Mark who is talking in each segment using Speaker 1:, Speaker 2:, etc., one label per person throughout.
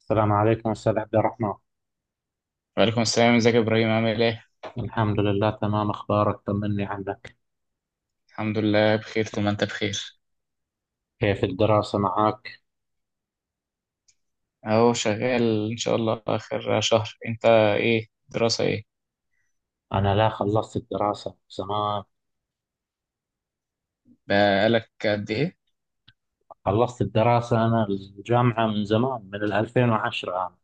Speaker 1: السلام عليكم أستاذ عبد الرحمن.
Speaker 2: وعليكم السلام، ازيك يا ابراهيم؟ عامل ايه؟
Speaker 1: الحمد لله تمام. أخبارك، طمني عنك.
Speaker 2: الحمد لله بخير، ثم انت بخير.
Speaker 1: كيف الدراسة معك؟
Speaker 2: اهو شغال ان شاء الله اخر شهر. انت ايه دراسة ايه؟
Speaker 1: أنا لا، خلصت الدراسة من زمان.
Speaker 2: بقالك قد ايه؟
Speaker 1: خلصت الدراسة، أنا الجامعة من زمان، من 2010 أنا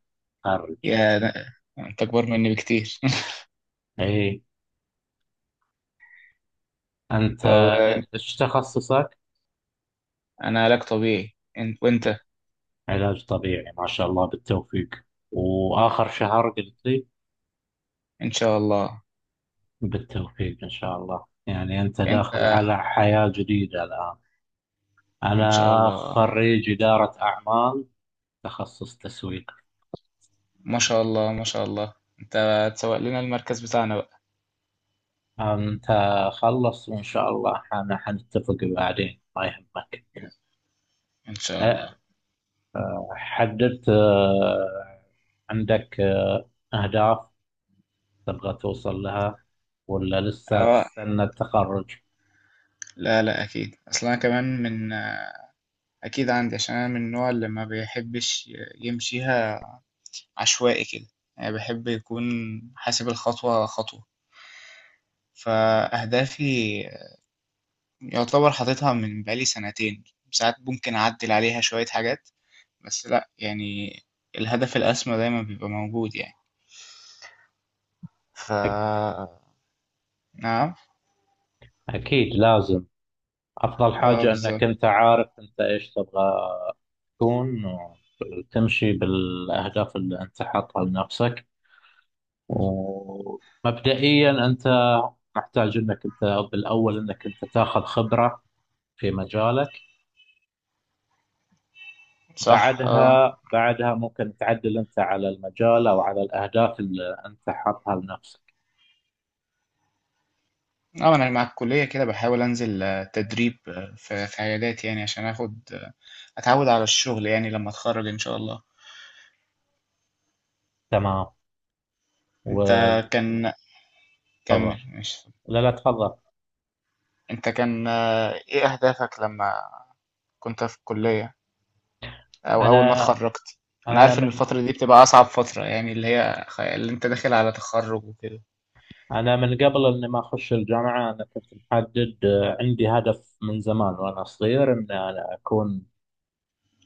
Speaker 1: خارج.
Speaker 2: يا ده- انت اكبر مني بكتير.
Speaker 1: إيه. أنت
Speaker 2: طب.
Speaker 1: إيش تخصصك؟
Speaker 2: انا علاج طبيعي، انت؟ وانت؟
Speaker 1: علاج طبيعي، ما شاء الله، بالتوفيق. وآخر شهر قلت لي.
Speaker 2: ان شاء الله.
Speaker 1: بالتوفيق إن شاء الله. يعني أنت
Speaker 2: انت؟
Speaker 1: داخل على حياة جديدة الآن.
Speaker 2: ان شاء
Speaker 1: أنا
Speaker 2: الله.
Speaker 1: خريج إدارة أعمال، تخصص تسويق.
Speaker 2: ما شاء الله ما شاء الله. انت هتسوق لنا المركز بتاعنا بقى.
Speaker 1: أنت. خلص، وإن شاء الله حنتفق بعدين، ما يهمك.
Speaker 2: ان شاء
Speaker 1: أه،
Speaker 2: الله.
Speaker 1: حددت، عندك أهداف تبغى توصل لها، ولا لسه
Speaker 2: اه،
Speaker 1: تستنى التخرج؟
Speaker 2: لا لا اكيد، اصلا انا كمان من... اكيد عندي، عشان انا من النوع اللي ما بيحبش يمشيها عشوائي كده. يعني بحب يكون حاسب الخطوة خطوة. فأهدافي يعتبر حاططها من بقالي سنتين، ساعات ممكن أعدل عليها شوية حاجات، بس لأ يعني الهدف الأسمى دايما بيبقى موجود يعني. ف
Speaker 1: أك-
Speaker 2: نعم.
Speaker 1: أكيد لازم. أفضل
Speaker 2: اه
Speaker 1: حاجة أنك
Speaker 2: بالظبط.
Speaker 1: أنت عارف أنت إيش تبغى تكون، وتمشي بالأهداف اللي أنت حاطها لنفسك. ومبدئيا أنت محتاج أنك أنت بالأول أنك أنت تاخذ خبرة في مجالك.
Speaker 2: صح، اه.
Speaker 1: بعدها ممكن تعدل انت على المجال او على الاهداف اللي انت حاطها لنفسك.
Speaker 2: اه، أنا مع الكلية كده بحاول أنزل تدريب في عيادات، يعني عشان آخد أتعود على الشغل يعني لما أتخرج إن شاء الله.
Speaker 1: تمام،
Speaker 2: أنت
Speaker 1: وتفضل.
Speaker 2: كان... كمل ماشي.
Speaker 1: لا لا، تفضل.
Speaker 2: انت كان ايه اهدافك لما كنت في الكلية او اول ما
Speaker 1: انا
Speaker 2: اتخرجت؟ انا
Speaker 1: انا
Speaker 2: عارف ان
Speaker 1: من
Speaker 2: الفترة دي بتبقى اصعب فترة، يعني اللي هي اللي انت داخل على تخرج وكده.
Speaker 1: انا من قبل اني ما اخش الجامعه، انا كنت محدد، عندي هدف من زمان وانا صغير، ان انا اكون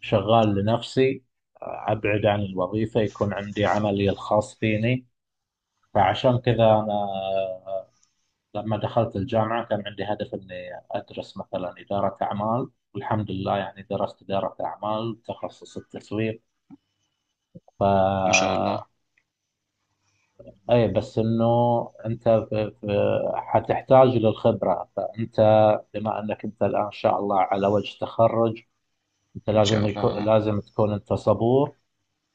Speaker 1: شغال لنفسي. ابعد عن الوظيفه، يكون عندي عملي الخاص فيني. فعشان كذا انا لما دخلت الجامعة كان عندي هدف إني أدرس مثلا إدارة أعمال، والحمد لله يعني درست إدارة أعمال تخصص التسويق. ف،
Speaker 2: ما شاء الله.
Speaker 1: أي، بس إنه أنت في حتحتاج للخبرة. فأنت بما أنك أنت الآن إن شاء الله على وجه تخرج، أنت
Speaker 2: ان شاء
Speaker 1: لازم يكون
Speaker 2: الله.
Speaker 1: لازم تكون أنت صبور.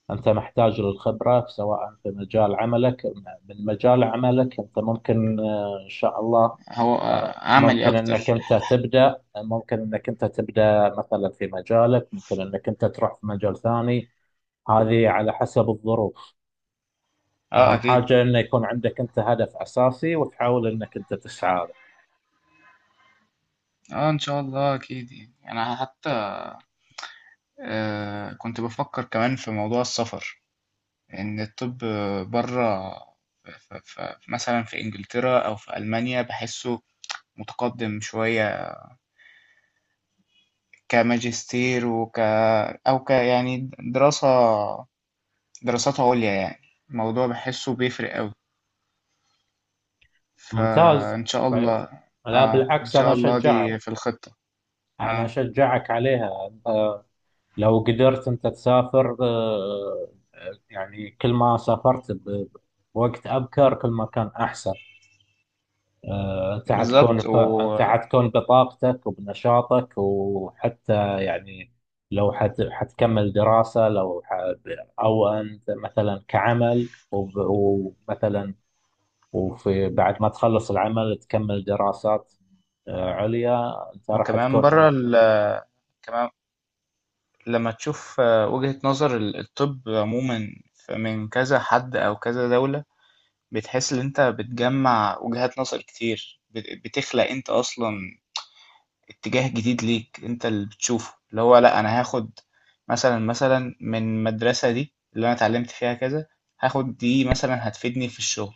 Speaker 1: أنت محتاج للخبرة سواء في مجال عملك. من مجال عملك أنت ممكن، إن شاء الله.
Speaker 2: هو عملي
Speaker 1: ممكن أنك
Speaker 2: اكتر.
Speaker 1: أنت تبدأ ممكن أنك أنت تبدأ مثلا في مجالك، ممكن أنك أنت تروح في مجال ثاني. هذه على حسب الظروف.
Speaker 2: اه
Speaker 1: أهم
Speaker 2: اكيد.
Speaker 1: حاجة أنه يكون عندك أنت هدف أساسي وتحاول أنك أنت تسعى له.
Speaker 2: اه ان شاء الله اكيد، يعني انا حتى آه كنت بفكر كمان في موضوع السفر، ان الطب بره مثلا في انجلترا او في المانيا بحسه متقدم شوية، كماجستير وك أو ك يعني دراسات عليا يعني. الموضوع بحسه بيفرق أوي،
Speaker 1: ممتاز.
Speaker 2: فإن شاء
Speaker 1: ف-
Speaker 2: الله.
Speaker 1: لا
Speaker 2: اه إن
Speaker 1: بالعكس، أنا
Speaker 2: شاء الله
Speaker 1: أشجعك.
Speaker 2: دي في الخطة.
Speaker 1: أنا
Speaker 2: اه
Speaker 1: أشجعك عليها. آه، لو قدرت أنت تسافر، يعني كل ما سافرت بوقت أبكر، كل ما كان أحسن. أنت حتكون،
Speaker 2: بالظبط
Speaker 1: أنت حتكون بطاقتك وبنشاطك، وحتى يعني لو حتكمل دراسة، لو أو أنت مثلا كعمل، ومثلا وفي بعد ما تخلص العمل تكمل دراسات عليا أنت راح
Speaker 2: وكمان
Speaker 1: تكون
Speaker 2: بره
Speaker 1: أنشط.
Speaker 2: كمان لما تشوف وجهة نظر الطب عموما، من كذا حد أو كذا دولة، بتحس إن أنت بتجمع وجهات نظر كتير، بتخلق أنت أصلا اتجاه جديد ليك، انت اللي بتشوفه، اللي هو لا انا هاخد مثلا من المدرسة دي اللي انا اتعلمت فيها كذا، هاخد دي مثلا هتفيدني في الشغل،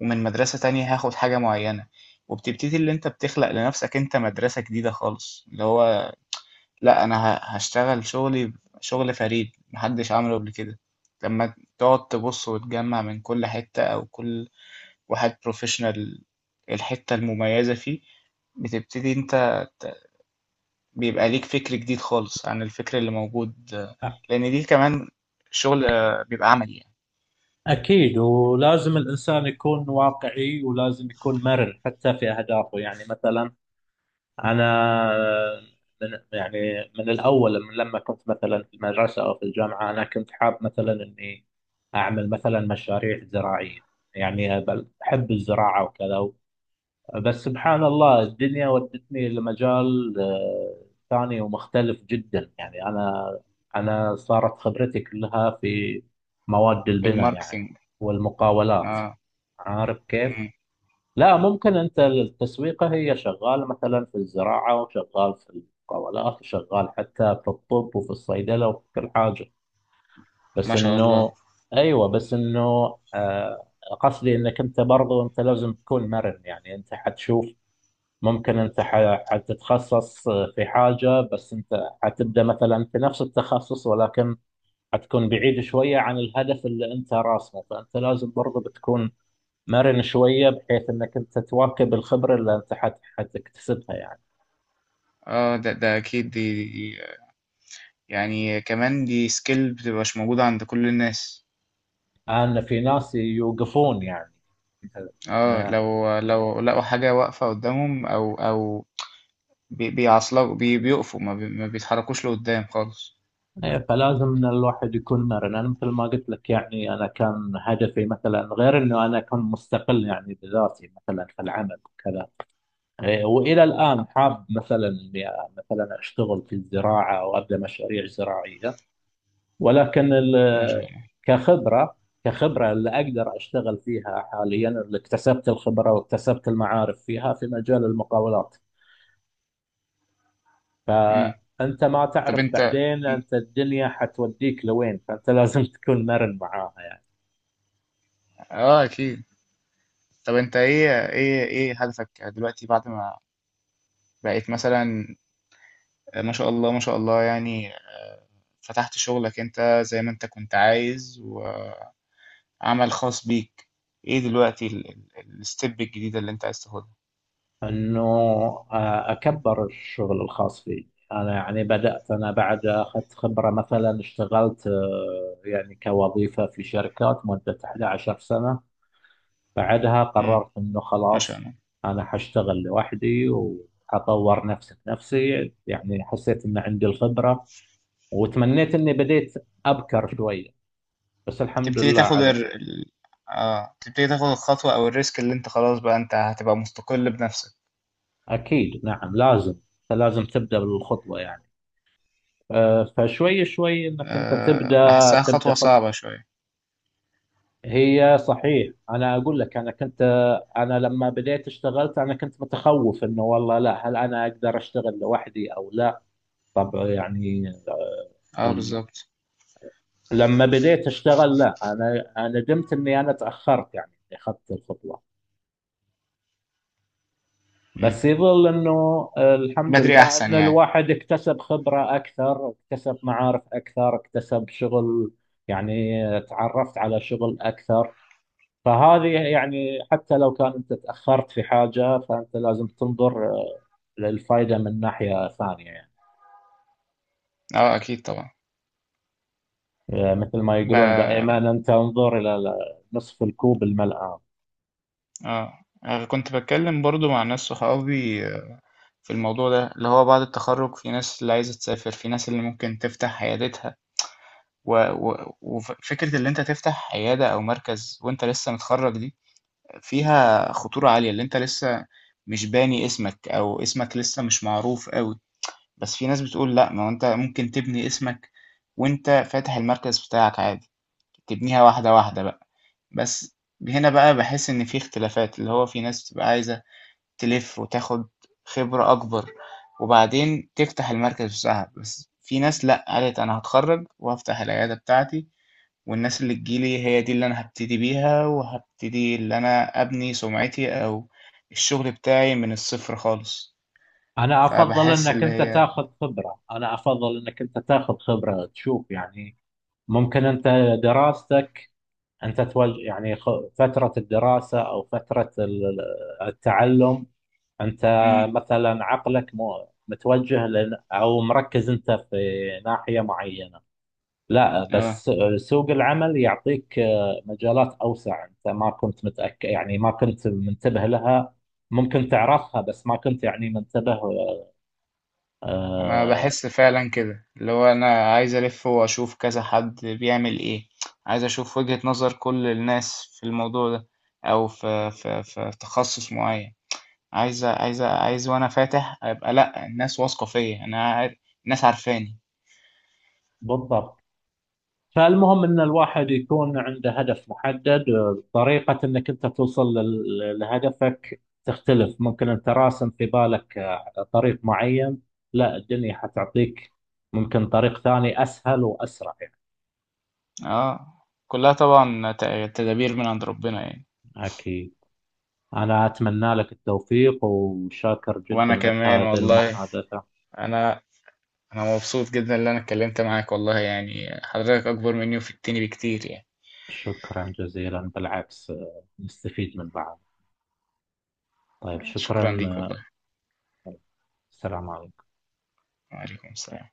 Speaker 2: ومن مدرسة تانية هاخد حاجة معينة. وبتبتدي اللي انت بتخلق لنفسك انت مدرسة جديدة خالص، اللي هو لا انا هشتغل شغلي، شغل فريد محدش عمله قبل كده. لما تقعد تبص وتجمع من كل حتة او كل واحد بروفيشنال الحتة المميزة فيه، بتبتدي انت، بيبقى ليك فكر جديد خالص عن الفكر اللي موجود، لأن دي كمان شغل بيبقى عملي يعني.
Speaker 1: أكيد، ولازم الإنسان يكون واقعي، ولازم يكون مرن حتى في أهدافه. يعني مثلا أنا، من، يعني من الأول، من لما كنت مثلا في المدرسة أو في الجامعة، أنا كنت حاب مثلا إني أعمل مثلا مشاريع زراعية. يعني أحب الزراعة وكذا. بس سبحان الله الدنيا ودتني لمجال ثاني ومختلف جدا. يعني أنا صارت خبرتي كلها في مواد
Speaker 2: في
Speaker 1: البناء يعني،
Speaker 2: الماركتينج.
Speaker 1: والمقاولات.
Speaker 2: اه.
Speaker 1: عارف كيف؟
Speaker 2: مم.
Speaker 1: لا، ممكن أنت التسويقة هي شغال مثلا في الزراعة، وشغال في المقاولات، وشغال حتى في الطب، وفي الصيدلة، وفي كل حاجة. بس
Speaker 2: ما شاء الله.
Speaker 1: إنه، أيوة بس إنه، آه، قصدي إنك أنت، برضو أنت لازم تكون مرن. يعني أنت حتشوف، ممكن انت حتتخصص في حاجة، بس انت حتبدأ مثلا في نفس التخصص، ولكن حتكون بعيد شوية عن الهدف اللي انت راسمه. فانت لازم برضه بتكون مرن شوية، بحيث انك انت تواكب الخبرة اللي انت حتكتسبها يعني.
Speaker 2: اه ده أكيد، دي يعني كمان دي سكيل بتبقاش موجودة عند كل الناس.
Speaker 1: انا في ناس يوقفون يعني،
Speaker 2: اه،
Speaker 1: إن-
Speaker 2: لو لقوا حاجة واقفة قدامهم أو بيعصلوا بيقفوا، ما بيتحركوش لقدام خالص.
Speaker 1: إيه، فلازم ان الواحد يكون مرن. انا مثل ما قلت لك، يعني انا كان هدفي، مثلا غير انه انا اكون مستقل يعني بذاتي، مثلا في العمل وكذا. إيه، والى الان حاب مثلا اني مثلا اشتغل في الزراعه او ابدا مشاريع زراعيه. ولكن
Speaker 2: ما شاء الله.
Speaker 1: كخبره كخبره اللي اقدر اشتغل فيها حاليا، اللي اكتسبت الخبره واكتسبت المعارف فيها في مجال المقاولات.
Speaker 2: مم.
Speaker 1: فانت ما
Speaker 2: طب
Speaker 1: تعرف
Speaker 2: أنت...
Speaker 1: بعدين انت الدنيا حتوديك لوين، فانت لازم تكون مرن معاها يعني.
Speaker 2: اه أكيد. طب أنت إيه هدفك دلوقتي، بعد ما بقيت مثلا ما شاء الله ما شاء الله يعني فتحت شغلك انت زي ما انت كنت عايز، وعمل خاص بيك؟ ايه دلوقتي الستيب الجديدة اللي انت عايز تاخدها؟
Speaker 1: انه اكبر الشغل الخاص فيه انا، يعني بدات انا بعد اخذت خبره، مثلا اشتغلت يعني كوظيفه في شركات مده 11 سنه. بعدها
Speaker 2: امم
Speaker 1: قررت انه
Speaker 2: ما شاء
Speaker 1: خلاص
Speaker 2: الله.
Speaker 1: انا حاشتغل لوحدي، وحطور نفسي بنفسي. يعني حسيت ان عندي الخبره، وتمنيت اني بديت ابكر شويه. بس الحمد
Speaker 2: تبتدي
Speaker 1: لله
Speaker 2: تاخد
Speaker 1: على.
Speaker 2: الخطوة او الريسك، اللي انت خلاص بقى انت هتبقى مستقل بنفسك.
Speaker 1: اكيد، نعم لازم. لازم تبدا بالخطوه يعني، فشوي شوي انك انت تبدا،
Speaker 2: آه بحسها خطوة
Speaker 1: خط.
Speaker 2: صعبة شوية.
Speaker 1: هي صحيح، انا اقول لك، انا كنت، انا لما بديت اشتغلت انا كنت متخوف، انه والله لا، هل انا اقدر اشتغل لوحدي او لا. طب يعني
Speaker 2: اه
Speaker 1: ال-
Speaker 2: بالظبط.
Speaker 1: لما بديت اشتغل، لا انا ندمت اني انا تاخرت، يعني إني اخذت الخطوه.
Speaker 2: مم.
Speaker 1: بس يظل انه، الحمد
Speaker 2: بدري
Speaker 1: لله ان
Speaker 2: احسن يعني.
Speaker 1: الواحد اكتسب خبره اكثر، اكتسب معارف اكثر، اكتسب شغل. يعني تعرفت على شغل اكثر. فهذه يعني، حتى لو كان انت تاخرت في حاجه، فانت لازم تنظر للفائده من ناحيه ثانيه يعني.
Speaker 2: اه اكيد طبعا.
Speaker 1: مثل ما يقولون
Speaker 2: اه،
Speaker 1: دائما، انت انظر الى نصف الكوب الملآن.
Speaker 2: أنا كنت بتكلم برضو مع ناس صحابي في الموضوع ده، اللي هو بعد التخرُّج في ناس اللي عايزة تسافر، في ناس اللي ممكن تفتح عيادتها، و فكرة اللي أنت تفتح عيادة أو مركز وأنت لسه متخرّج دي، فيها خطورة عالية، اللي أنت لسه مش باني اسمك أو اسمك لسه مش معروف أوي. بس في ناس بتقول لأ، ما هو أنت ممكن تبني اسمك وأنت فاتح المركز بتاعك عادي، تبنيها واحدة، واحدة بقى. بس هنا بقى باحس إن في اختلافات، اللي هو في ناس بتبقى عايزة تلف وتاخد خبرة أكبر وبعدين تفتح المركز بتاعها، بس في ناس لأ قالت أنا هتخرج وهفتح العيادة بتاعتي، والناس اللي تجيلي هي دي اللي أنا هبتدي بيها، وهبتدي اللي أنا أبني سمعتي أو الشغل بتاعي من الصفر خالص.
Speaker 1: انا افضل
Speaker 2: فبحس
Speaker 1: انك
Speaker 2: اللي
Speaker 1: انت
Speaker 2: هي...
Speaker 1: تاخذ خبره، انا افضل انك انت تاخذ خبره تشوف يعني. ممكن انت دراستك، انت توجه يعني، فتره الدراسه او فتره التعلم، انت
Speaker 2: مم.
Speaker 1: مثلا عقلك مو متوجه لن او مركز، انت في ناحية معينة. لا،
Speaker 2: اه،
Speaker 1: بس سوق العمل يعطيك مجالات اوسع، انت ما كنت متأكد، يعني ما كنت منتبه لها. ممكن تعرفها بس ما كنت يعني منتبه،
Speaker 2: ما
Speaker 1: آه،
Speaker 2: بحس فعلا كده، اللي هو أنا عايز ألف وأشوف كذا حد بيعمل إيه، عايز أشوف وجهة نظر كل الناس في الموضوع ده أو في في تخصص معين. عايز وانا فاتح ابقى لا، الناس واثقه فيا، الناس عارفاني.
Speaker 1: بالضبط. فالمهم ان الواحد يكون عنده هدف محدد. طريقة انك انت توصل لهدفك تختلف، ممكن انت راسم في بالك طريق معين. لا، الدنيا حتعطيك ممكن طريق ثاني اسهل واسرع يعني.
Speaker 2: اه، كلها طبعا تدابير من عند ربنا يعني.
Speaker 1: اكيد. انا اتمنى لك التوفيق، وشاكر جدا
Speaker 2: وانا
Speaker 1: لك
Speaker 2: كمان
Speaker 1: هذه
Speaker 2: والله،
Speaker 1: المحادثة.
Speaker 2: انا انا مبسوط جدا ان انا اتكلمت معاك والله، يعني حضرتك اكبر مني وفتني بكتير يعني.
Speaker 1: شكرا جزيلا. بالعكس نستفيد من بعض. طيب
Speaker 2: شكرا
Speaker 1: شكرا.
Speaker 2: ليك والله.
Speaker 1: آه، السلام عليكم.
Speaker 2: وعليكم السلام.